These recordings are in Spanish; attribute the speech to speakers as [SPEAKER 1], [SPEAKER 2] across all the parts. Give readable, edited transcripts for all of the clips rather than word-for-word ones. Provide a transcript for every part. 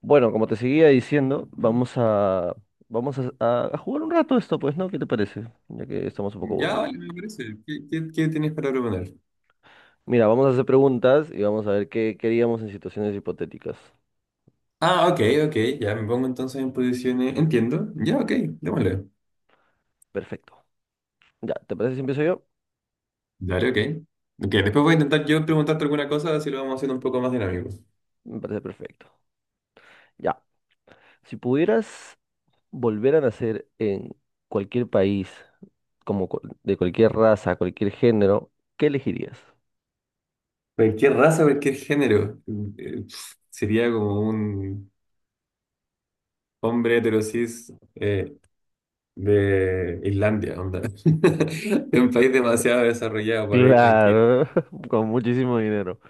[SPEAKER 1] Bueno, como te seguía diciendo, vamos a jugar un rato esto, pues, ¿no? ¿Qué te parece? Ya que estamos un poco
[SPEAKER 2] Ya,
[SPEAKER 1] aburridos.
[SPEAKER 2] vale, me parece. ¿Qué tienes para proponer?
[SPEAKER 1] Mira, vamos a hacer preguntas y vamos a ver qué queríamos en situaciones hipotéticas.
[SPEAKER 2] Ah, ok, ok, ya me pongo entonces en posiciones. Entiendo. Ya, ok, démosle.
[SPEAKER 1] Perfecto. Ya, ¿te parece si empiezo yo?
[SPEAKER 2] Dale, ok. Ok, después voy a intentar yo preguntarte alguna cosa, así lo vamos haciendo un poco más dinámico.
[SPEAKER 1] Me parece perfecto. Ya, si pudieras volver a nacer en cualquier país, de cualquier raza, cualquier género, ¿qué elegirías?
[SPEAKER 2] Cualquier raza, cualquier género. Sería como un hombre heterosis de Islandia, onda. De un país demasiado desarrollado para vivir tranquilo.
[SPEAKER 1] Claro, con muchísimo dinero.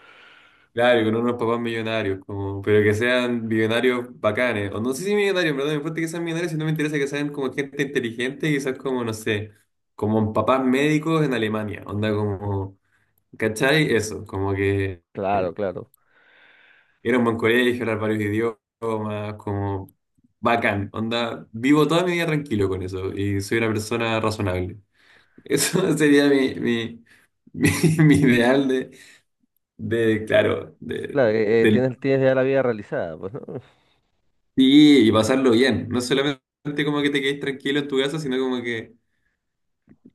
[SPEAKER 2] Claro, con unos papás millonarios, como, pero que sean millonarios bacanes. O no sé si millonarios, pero no me importa que sean millonarios, sino me interesa que sean como gente inteligente, quizás como, no sé, como papás médicos en Alemania. Onda como, ¿cachai? Eso, como que
[SPEAKER 1] Claro,
[SPEAKER 2] eh,
[SPEAKER 1] claro.
[SPEAKER 2] era un buen colegio, hablar varios idiomas, como bacán. Onda, vivo toda mi vida tranquilo con eso y soy una persona razonable. Eso sería mi, mi, mi ideal de, de, claro, de,
[SPEAKER 1] Claro,
[SPEAKER 2] del
[SPEAKER 1] tienes ya la vida realizada, pues, ¿no?
[SPEAKER 2] Sí, y pasarlo bien. No solamente como que te quedes tranquilo en tu casa, sino como que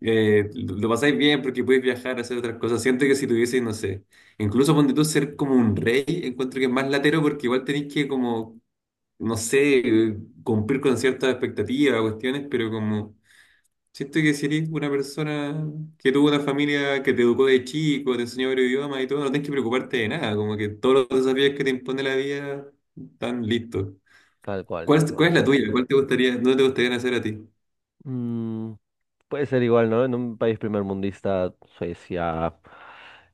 [SPEAKER 2] lo pasáis bien porque podéis viajar, hacer otras cosas. Siento que si tuvieseis, no sé, incluso ponte tú ser como un rey, encuentro que es más latero porque igual tenéis que como, no sé, cumplir con ciertas expectativas, cuestiones, pero como siento que si eres una persona que tuvo una familia que te educó de chico, te enseñó varios idiomas y todo, no tenés que preocuparte de nada, como que todos los desafíos que te impone la vida están listos.
[SPEAKER 1] Tal cual,
[SPEAKER 2] ¿Cuál
[SPEAKER 1] tal
[SPEAKER 2] es, cuál
[SPEAKER 1] cual.
[SPEAKER 2] es la tuya? ¿Cuál te gustaría, no te gustaría hacer a ti?
[SPEAKER 1] Mm, Puede ser igual, ¿no? En un país primermundista, Suecia,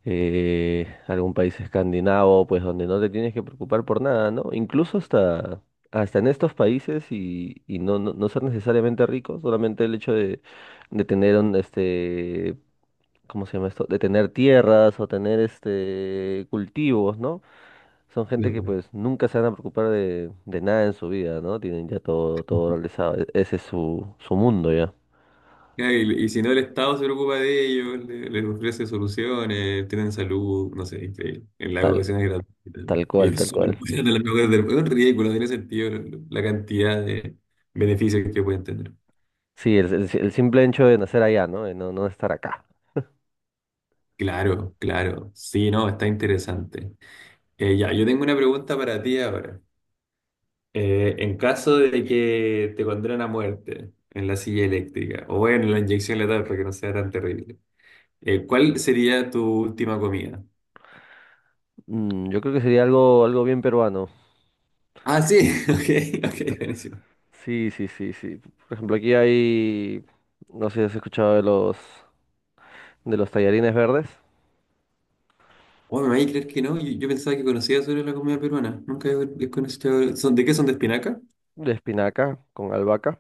[SPEAKER 1] algún país escandinavo, pues donde no te tienes que preocupar por nada, ¿no? Incluso hasta en estos países y no ser necesariamente rico, solamente el hecho de tener un, ¿cómo se llama esto? De tener tierras o tener cultivos, ¿no? Son gente que
[SPEAKER 2] Claro.
[SPEAKER 1] pues nunca se van a preocupar de nada en su vida, ¿no? Tienen ya todo realizado. Ese es su mundo ya.
[SPEAKER 2] Ya, y si no, el Estado se preocupa de ellos, les ofrece soluciones, tienen salud, no sé, increíble. En la
[SPEAKER 1] Tal,
[SPEAKER 2] educación es gratuita.
[SPEAKER 1] tal
[SPEAKER 2] Y
[SPEAKER 1] cual,
[SPEAKER 2] es
[SPEAKER 1] tal
[SPEAKER 2] súper
[SPEAKER 1] cual.
[SPEAKER 2] buena, la mejor del mundo. Es un ridículo, no tiene sentido la cantidad de beneficios que pueden tener.
[SPEAKER 1] Sí, el simple hecho de nacer allá, ¿no? De no estar acá.
[SPEAKER 2] Claro, claro. Sí, no, está interesante. Ya, yo tengo una pregunta para ti ahora. En caso de que te condenen a muerte en la silla eléctrica o en la inyección letal para que no sea tan terrible. ¿Cuál sería tu última comida?
[SPEAKER 1] Yo creo que sería algo bien peruano.
[SPEAKER 2] Ah, sí, ok, ok, buenísimo.
[SPEAKER 1] Sí, sí, sí, sí. Por ejemplo, aquí hay, no sé si has escuchado de los tallarines verdes,
[SPEAKER 2] Oh, me vais a creer que no, yo pensaba que conocía sobre la comida peruana. Nunca he conocido. ¿De qué son, de espinaca?
[SPEAKER 1] de espinaca con albahaca.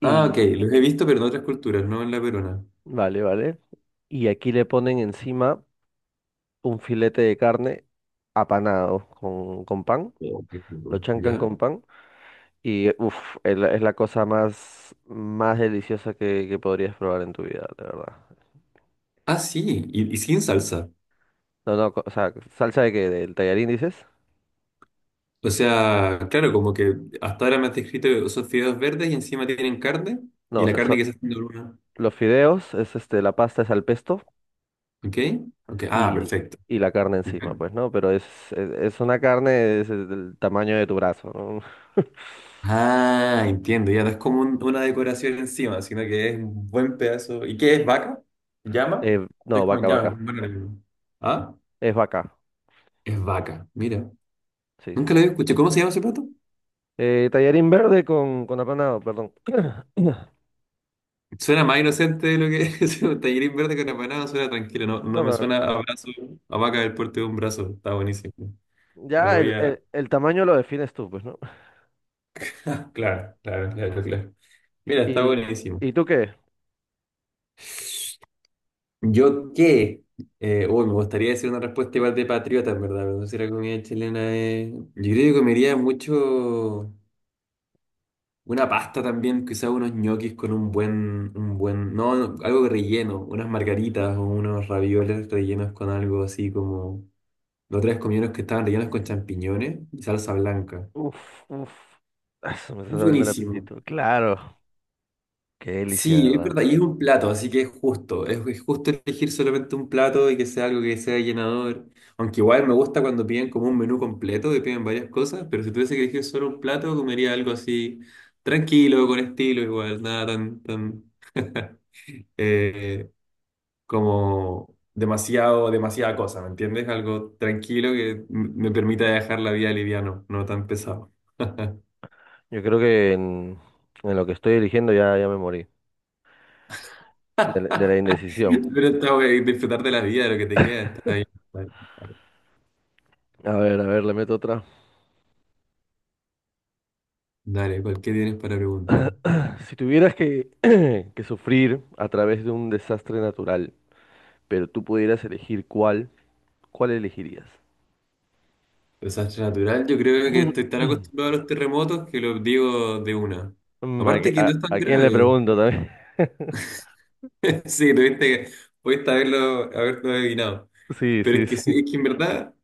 [SPEAKER 2] Ah, ok,
[SPEAKER 1] Y,
[SPEAKER 2] los he visto, pero en otras culturas, no en la peruana.
[SPEAKER 1] vale, vale. Y aquí le ponen encima un filete de carne apanado con pan,
[SPEAKER 2] Oh, qué
[SPEAKER 1] lo
[SPEAKER 2] rico.
[SPEAKER 1] chancan
[SPEAKER 2] ¿Ya?
[SPEAKER 1] con pan y uff, es la cosa más deliciosa que podrías probar en tu vida, de verdad.
[SPEAKER 2] Ah, sí, y sin salsa.
[SPEAKER 1] No, no, o sea, ¿salsa de qué? ¿Del tallarín dices?
[SPEAKER 2] O sea, claro, como que hasta ahora me has descrito que son fideos verdes y encima tienen carne,
[SPEAKER 1] No,
[SPEAKER 2] y
[SPEAKER 1] o
[SPEAKER 2] la
[SPEAKER 1] sea,
[SPEAKER 2] carne que se hace en la luna.
[SPEAKER 1] los fideos, la pasta es al pesto
[SPEAKER 2] ¿Ok? Ok, ah,
[SPEAKER 1] y,
[SPEAKER 2] perfecto.
[SPEAKER 1] y la carne encima, pues, ¿no? Pero es una carne es del tamaño de tu brazo, ¿no?
[SPEAKER 2] Ah, entiendo, ya no es como una decoración encima, sino que es un buen pedazo. ¿Y qué es, vaca? ¿Llama?
[SPEAKER 1] Eh,
[SPEAKER 2] Es
[SPEAKER 1] no,
[SPEAKER 2] como
[SPEAKER 1] vaca,
[SPEAKER 2] llama,
[SPEAKER 1] vaca.
[SPEAKER 2] un buen enemigo. ¿Ah?
[SPEAKER 1] Es vaca.
[SPEAKER 2] Es vaca, mira.
[SPEAKER 1] Sí, sí,
[SPEAKER 2] Nunca lo
[SPEAKER 1] sí.
[SPEAKER 2] había escuchado. ¿Cómo se llama ese plato?
[SPEAKER 1] Tallarín verde con apanado, perdón.
[SPEAKER 2] Suena más inocente de lo que es. Un tallarín verde con empanada, suena tranquilo, no, no
[SPEAKER 1] No,
[SPEAKER 2] me
[SPEAKER 1] pero,
[SPEAKER 2] suena a brazo, a vaca del puerto de un brazo, está buenísimo. Lo
[SPEAKER 1] ya
[SPEAKER 2] voy
[SPEAKER 1] el,
[SPEAKER 2] a...
[SPEAKER 1] el- el tamaño lo defines tú, pues, ¿no?
[SPEAKER 2] Claro, claro, claro, claro. Mira, está
[SPEAKER 1] ¿Y,
[SPEAKER 2] buenísimo.
[SPEAKER 1] y tú qué?
[SPEAKER 2] Yo qué, uy, me gustaría decir una respuesta igual de patriota, en verdad, pero no sé si la comida chilena es... Yo creo que comería mucho una pasta también, quizás unos ñoquis con un buen, no, no, algo relleno, unas margaritas o unos ravioles rellenos con algo así como... Los tres comí unos que estaban rellenos con champiñones y salsa blanca.
[SPEAKER 1] Uf, uf. Ah, se me está abriendo el
[SPEAKER 2] Buenísimo.
[SPEAKER 1] apetito. Claro, qué delicia, de
[SPEAKER 2] Sí, es
[SPEAKER 1] ¿verdad?
[SPEAKER 2] verdad, y es un plato, así que es justo, es justo elegir solamente un plato y que sea algo que sea llenador. Aunque igual me gusta cuando piden como un menú completo, que piden varias cosas, pero si tuviese que elegir solo un plato, comería algo así tranquilo, con estilo, igual, nada tan, tan eh, como demasiado, demasiada cosa, ¿me entiendes? Algo tranquilo que me permita dejar la vida liviano, no tan pesado.
[SPEAKER 1] Yo creo que en lo que estoy eligiendo ya me morí de la indecisión.
[SPEAKER 2] Pero está, bueno, disfrutar de la vida, de lo que te queda, está bien. Dale,
[SPEAKER 1] A ver, le meto otra.
[SPEAKER 2] Dale, ¿qué tienes para preguntar?
[SPEAKER 1] Si tuvieras que, que sufrir a través de un desastre natural, pero tú pudieras elegir cuál, ¿cuál elegirías?
[SPEAKER 2] Desastre natural, yo creo que estoy tan acostumbrado a los terremotos que lo digo de una.
[SPEAKER 1] ¿A, qué-
[SPEAKER 2] Aparte que no
[SPEAKER 1] a-
[SPEAKER 2] es tan
[SPEAKER 1] a quién le
[SPEAKER 2] grave.
[SPEAKER 1] pregunto también?
[SPEAKER 2] Sí, tuviste que, pudiste haberlo adivinado.
[SPEAKER 1] Sí,
[SPEAKER 2] Pero
[SPEAKER 1] sí,
[SPEAKER 2] es que sí,
[SPEAKER 1] sí.
[SPEAKER 2] es que en verdad,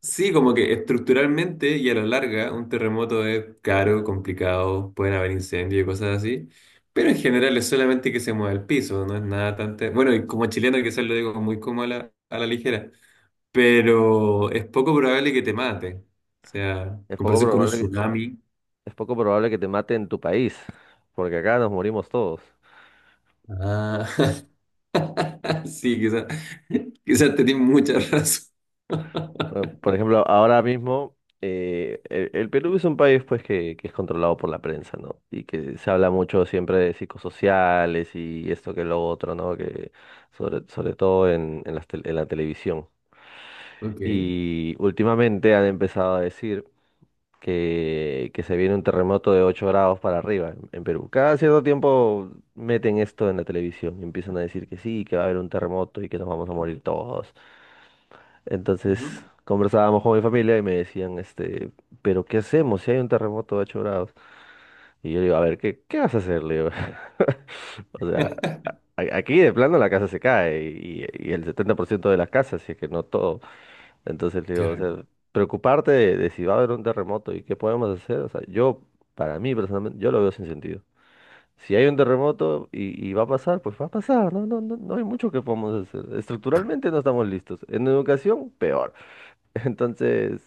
[SPEAKER 2] sí, como que estructuralmente y a la larga, un terremoto es caro, complicado, pueden haber incendios y cosas así. Pero en general es solamente que se mueva el piso, no es nada tan... Bueno, y como chileno quizás lo digo muy como a la ligera, pero es poco probable que te mate. O sea, en
[SPEAKER 1] Es poco
[SPEAKER 2] comparación con un
[SPEAKER 1] probable
[SPEAKER 2] tsunami.
[SPEAKER 1] es poco probable que te mate en tu país, porque acá nos morimos todos.
[SPEAKER 2] Ah, sí, quizás, quizás tenés mucha razón.
[SPEAKER 1] Bueno, por ejemplo, ahora mismo el Perú es un país pues que es controlado por la prensa, ¿no? Y que se habla mucho siempre de psicosociales y esto que lo otro, ¿no? Que sobre todo en la televisión.
[SPEAKER 2] Ok.
[SPEAKER 1] Y últimamente han empezado a decir que se viene un terremoto de 8 grados para arriba en Perú. Cada cierto tiempo meten esto en la televisión y empiezan a decir que sí, que va a haber un terremoto y que nos vamos a morir todos. Entonces
[SPEAKER 2] Ujú.
[SPEAKER 1] conversábamos con mi familia y me decían, pero ¿qué hacemos si hay un terremoto de 8 grados? Y yo le digo, a ver, ¿qué vas a hacer? Le digo, o sea, aquí de plano la casa se cae y el 70% de las casas, si es que no todo. Entonces le digo, o
[SPEAKER 2] Claro.
[SPEAKER 1] sea, preocuparte de si va a haber un terremoto y qué podemos hacer, o sea, para mí personalmente, yo lo veo sin sentido. Si hay un terremoto y va a pasar, pues va a pasar, no hay mucho que podamos hacer. Estructuralmente no estamos listos. En educación, peor. Entonces,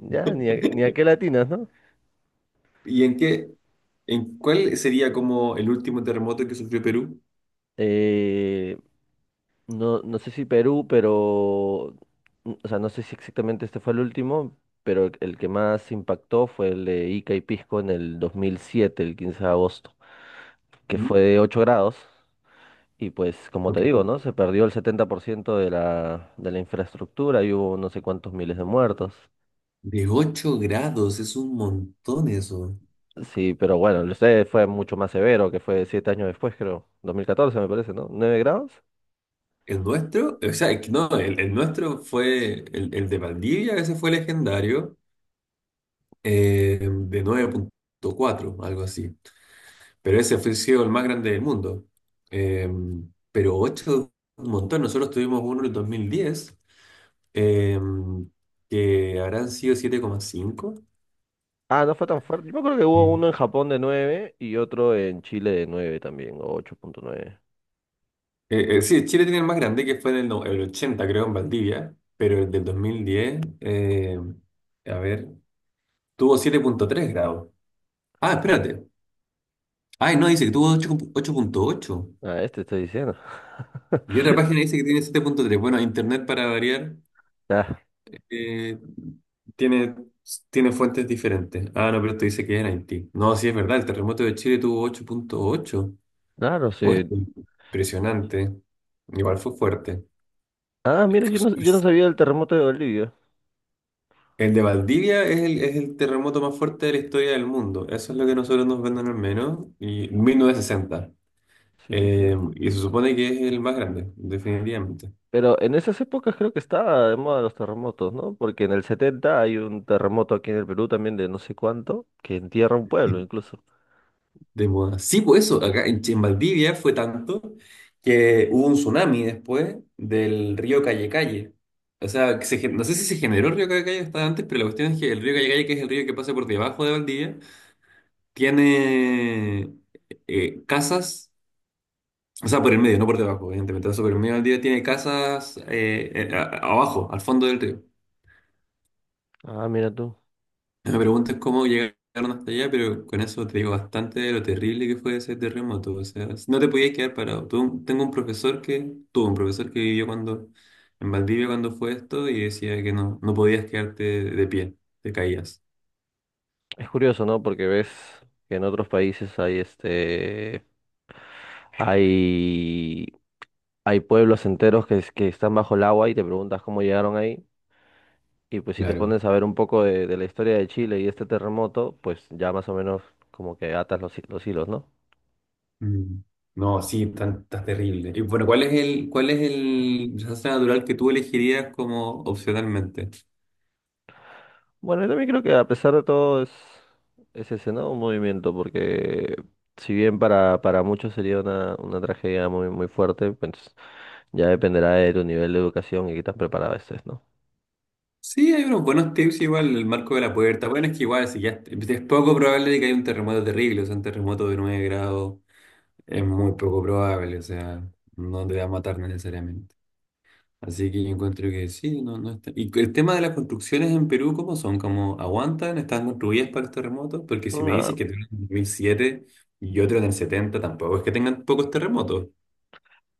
[SPEAKER 1] ya, ni a qué latinas, ¿no?
[SPEAKER 2] ¿Y en en cuál sería como el último terremoto que sufrió Perú?
[SPEAKER 1] Eh, no, no sé si Perú, pero, o sea, no sé si exactamente este fue el último, pero el que más impactó fue el de Ica y Pisco en el 2007, el 15 de agosto. Que
[SPEAKER 2] Mm.
[SPEAKER 1] fue de 8 grados. Y pues, como te
[SPEAKER 2] Ok.
[SPEAKER 1] digo, ¿no? Se perdió el 70% de la infraestructura y hubo no sé cuántos miles de muertos.
[SPEAKER 2] De 8 grados, es un montón eso.
[SPEAKER 1] Sí, pero bueno, el sé fue mucho más severo, que fue 7 años después, creo. 2014 me parece, ¿no? ¿9 grados?
[SPEAKER 2] ¿El nuestro? O sea, es que no, el nuestro fue el de Valdivia, ese fue legendario. De 9,4, algo así. Pero ese fue sido el más grande del mundo. Eh, pero ocho, un montón. Nosotros tuvimos uno en el 2010, eh, que habrán sido 7,5.
[SPEAKER 1] Ah, no fue tan fuerte. Yo creo que hubo
[SPEAKER 2] Mm.
[SPEAKER 1] uno en Japón de nueve y otro en Chile de 9 también, o ocho punto nueve.
[SPEAKER 2] Sí, Chile tiene el más grande, que fue en el, no- el 80, creo, en Valdivia, pero el del 2010, a ver, tuvo 7,3 grados. Ah, espérate. Ay, no, dice que tuvo ocho punto ocho.
[SPEAKER 1] Ah, este estoy diciendo.
[SPEAKER 2] Y otra página dice que tiene 7,3. Bueno, internet para variar.
[SPEAKER 1] Ah,
[SPEAKER 2] Eh, tiene, tiene fuentes diferentes. Ah, no, pero esto dice que es en Haití. No, sí es verdad, el terremoto de Chile tuvo 8,8.
[SPEAKER 1] claro,
[SPEAKER 2] Oh, esto
[SPEAKER 1] sí.
[SPEAKER 2] es impresionante. Igual fue fuerte.
[SPEAKER 1] Ah, mira, yo
[SPEAKER 2] Es
[SPEAKER 1] no, yo no
[SPEAKER 2] que...
[SPEAKER 1] sabía del terremoto de Bolivia.
[SPEAKER 2] el de Valdivia es el terremoto más fuerte de la historia del mundo. Eso es lo que nosotros nos venden, al menos. Y 1960.
[SPEAKER 1] Sí, sí, sí.
[SPEAKER 2] Y se supone que es el más grande, definitivamente.
[SPEAKER 1] Pero en esas épocas creo que estaba de moda los terremotos, ¿no? Porque en el 70 hay un terremoto aquí en el Perú también de no sé cuánto, que entierra un pueblo incluso.
[SPEAKER 2] De moda. Sí, pues eso, acá en Valdivia fue tanto que hubo un tsunami después del río Calle Calle. O sea, que no sé si se generó el río Calle Calle hasta antes, pero la cuestión es que el río Calle Calle, que es el río que pasa por debajo de Valdivia, tiene casas, o sea, por el medio, no por debajo, evidentemente, pero por el medio de Valdivia, tiene casas abajo, al fondo del río.
[SPEAKER 1] Ah, mira tú.
[SPEAKER 2] Me preguntas cómo llegaron hasta allá, pero con eso te digo bastante de lo terrible que fue ese terremoto. O sea, no te podías quedar parado. Tuve tengo un profesor que, tuvo un profesor que vivió en Valdivia cuando fue esto y decía que no, no podías quedarte de pie, te caías.
[SPEAKER 1] Es curioso, ¿no? Porque ves que en otros países hay este hay hay pueblos enteros que están bajo el agua y te preguntas cómo llegaron ahí. Y pues si te
[SPEAKER 2] Claro.
[SPEAKER 1] pones a ver un poco de la historia de Chile y este terremoto, pues ya más o menos como que atas los hilos, ¿no?
[SPEAKER 2] Mm. No, sí, tan, tan terrible. Y bueno, ¿cuál es el desastre natural que tú elegirías como opcionalmente?
[SPEAKER 1] Bueno, yo también creo que a pesar de todo es ese, ¿no? Un movimiento, porque si bien para muchos sería una tragedia muy, muy fuerte, pues ya dependerá de tu nivel de educación y qué tan preparado estés, ¿no?
[SPEAKER 2] Sí, hay unos buenos tips igual, el marco de la puerta. Bueno, es que igual, si ya es poco probable de que haya un terremoto terrible, o sea, un terremoto de 9 grados es muy poco probable, o sea, no te va a matar necesariamente. Así que yo encuentro que sí, no, no está. ¿Y el tema de las construcciones en Perú, cómo son? ¿Cómo aguantan? ¿Están construidas para los terremotos? Porque si me dices
[SPEAKER 1] No,
[SPEAKER 2] que tienen en 2007 y otro en el 70, tampoco es que tengan pocos terremotos.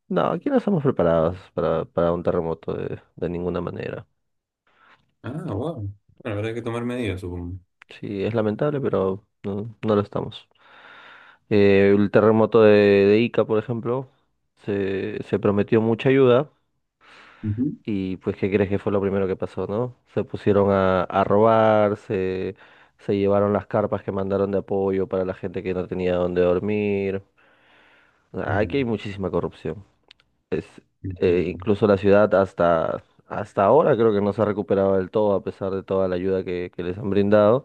[SPEAKER 1] no, aquí no estamos preparados para un terremoto de ninguna manera.
[SPEAKER 2] Ah, wow. Bueno, habrá que tomar medidas, supongo.
[SPEAKER 1] Sí, es lamentable, pero no lo estamos. El terremoto de Ica, por ejemplo, se prometió mucha ayuda.
[SPEAKER 2] Ujú.
[SPEAKER 1] Y pues, ¿qué crees que fue lo primero que pasó, no? Se pusieron a robar, se llevaron las carpas que mandaron de apoyo para la gente que no tenía dónde dormir. O sea, aquí
[SPEAKER 2] Ujú,
[SPEAKER 1] hay muchísima corrupción.
[SPEAKER 2] entiendo.
[SPEAKER 1] Incluso la ciudad hasta ahora creo que no se ha recuperado del todo a pesar de toda la ayuda que les han brindado.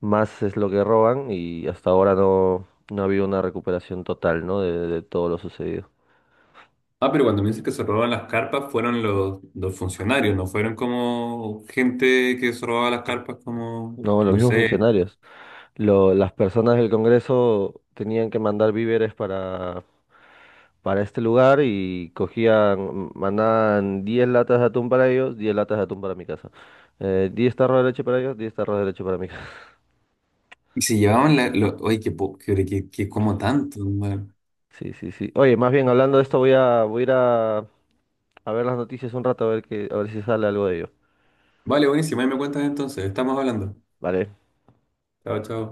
[SPEAKER 1] Más es lo que roban y hasta ahora no ha habido una recuperación total, ¿no? De todo lo sucedido.
[SPEAKER 2] Ah, pero cuando me dices que se robaban las carpas, fueron los funcionarios, no fueron como gente que se robaba las carpas, como,
[SPEAKER 1] No, los
[SPEAKER 2] no
[SPEAKER 1] mismos
[SPEAKER 2] sé.
[SPEAKER 1] funcionarios. Las personas del Congreso tenían que mandar víveres para este lugar y cogían, mandaban 10 latas de atún para ellos, 10 latas de atún para mi casa. 10 tarros de leche para ellos, 10 tarros de leche para mi casa.
[SPEAKER 2] Y se llevaban oye, qué, po- qué, qué, qué como tanto, hermano.
[SPEAKER 1] Sí, sí, sí. Oye, más bien hablando de esto, voy a ir a ver las noticias un rato, a ver si sale algo de ello.
[SPEAKER 2] Vale, buenísimo, ahí me cuentas entonces, estamos hablando.
[SPEAKER 1] Vale.
[SPEAKER 2] Chao, chao.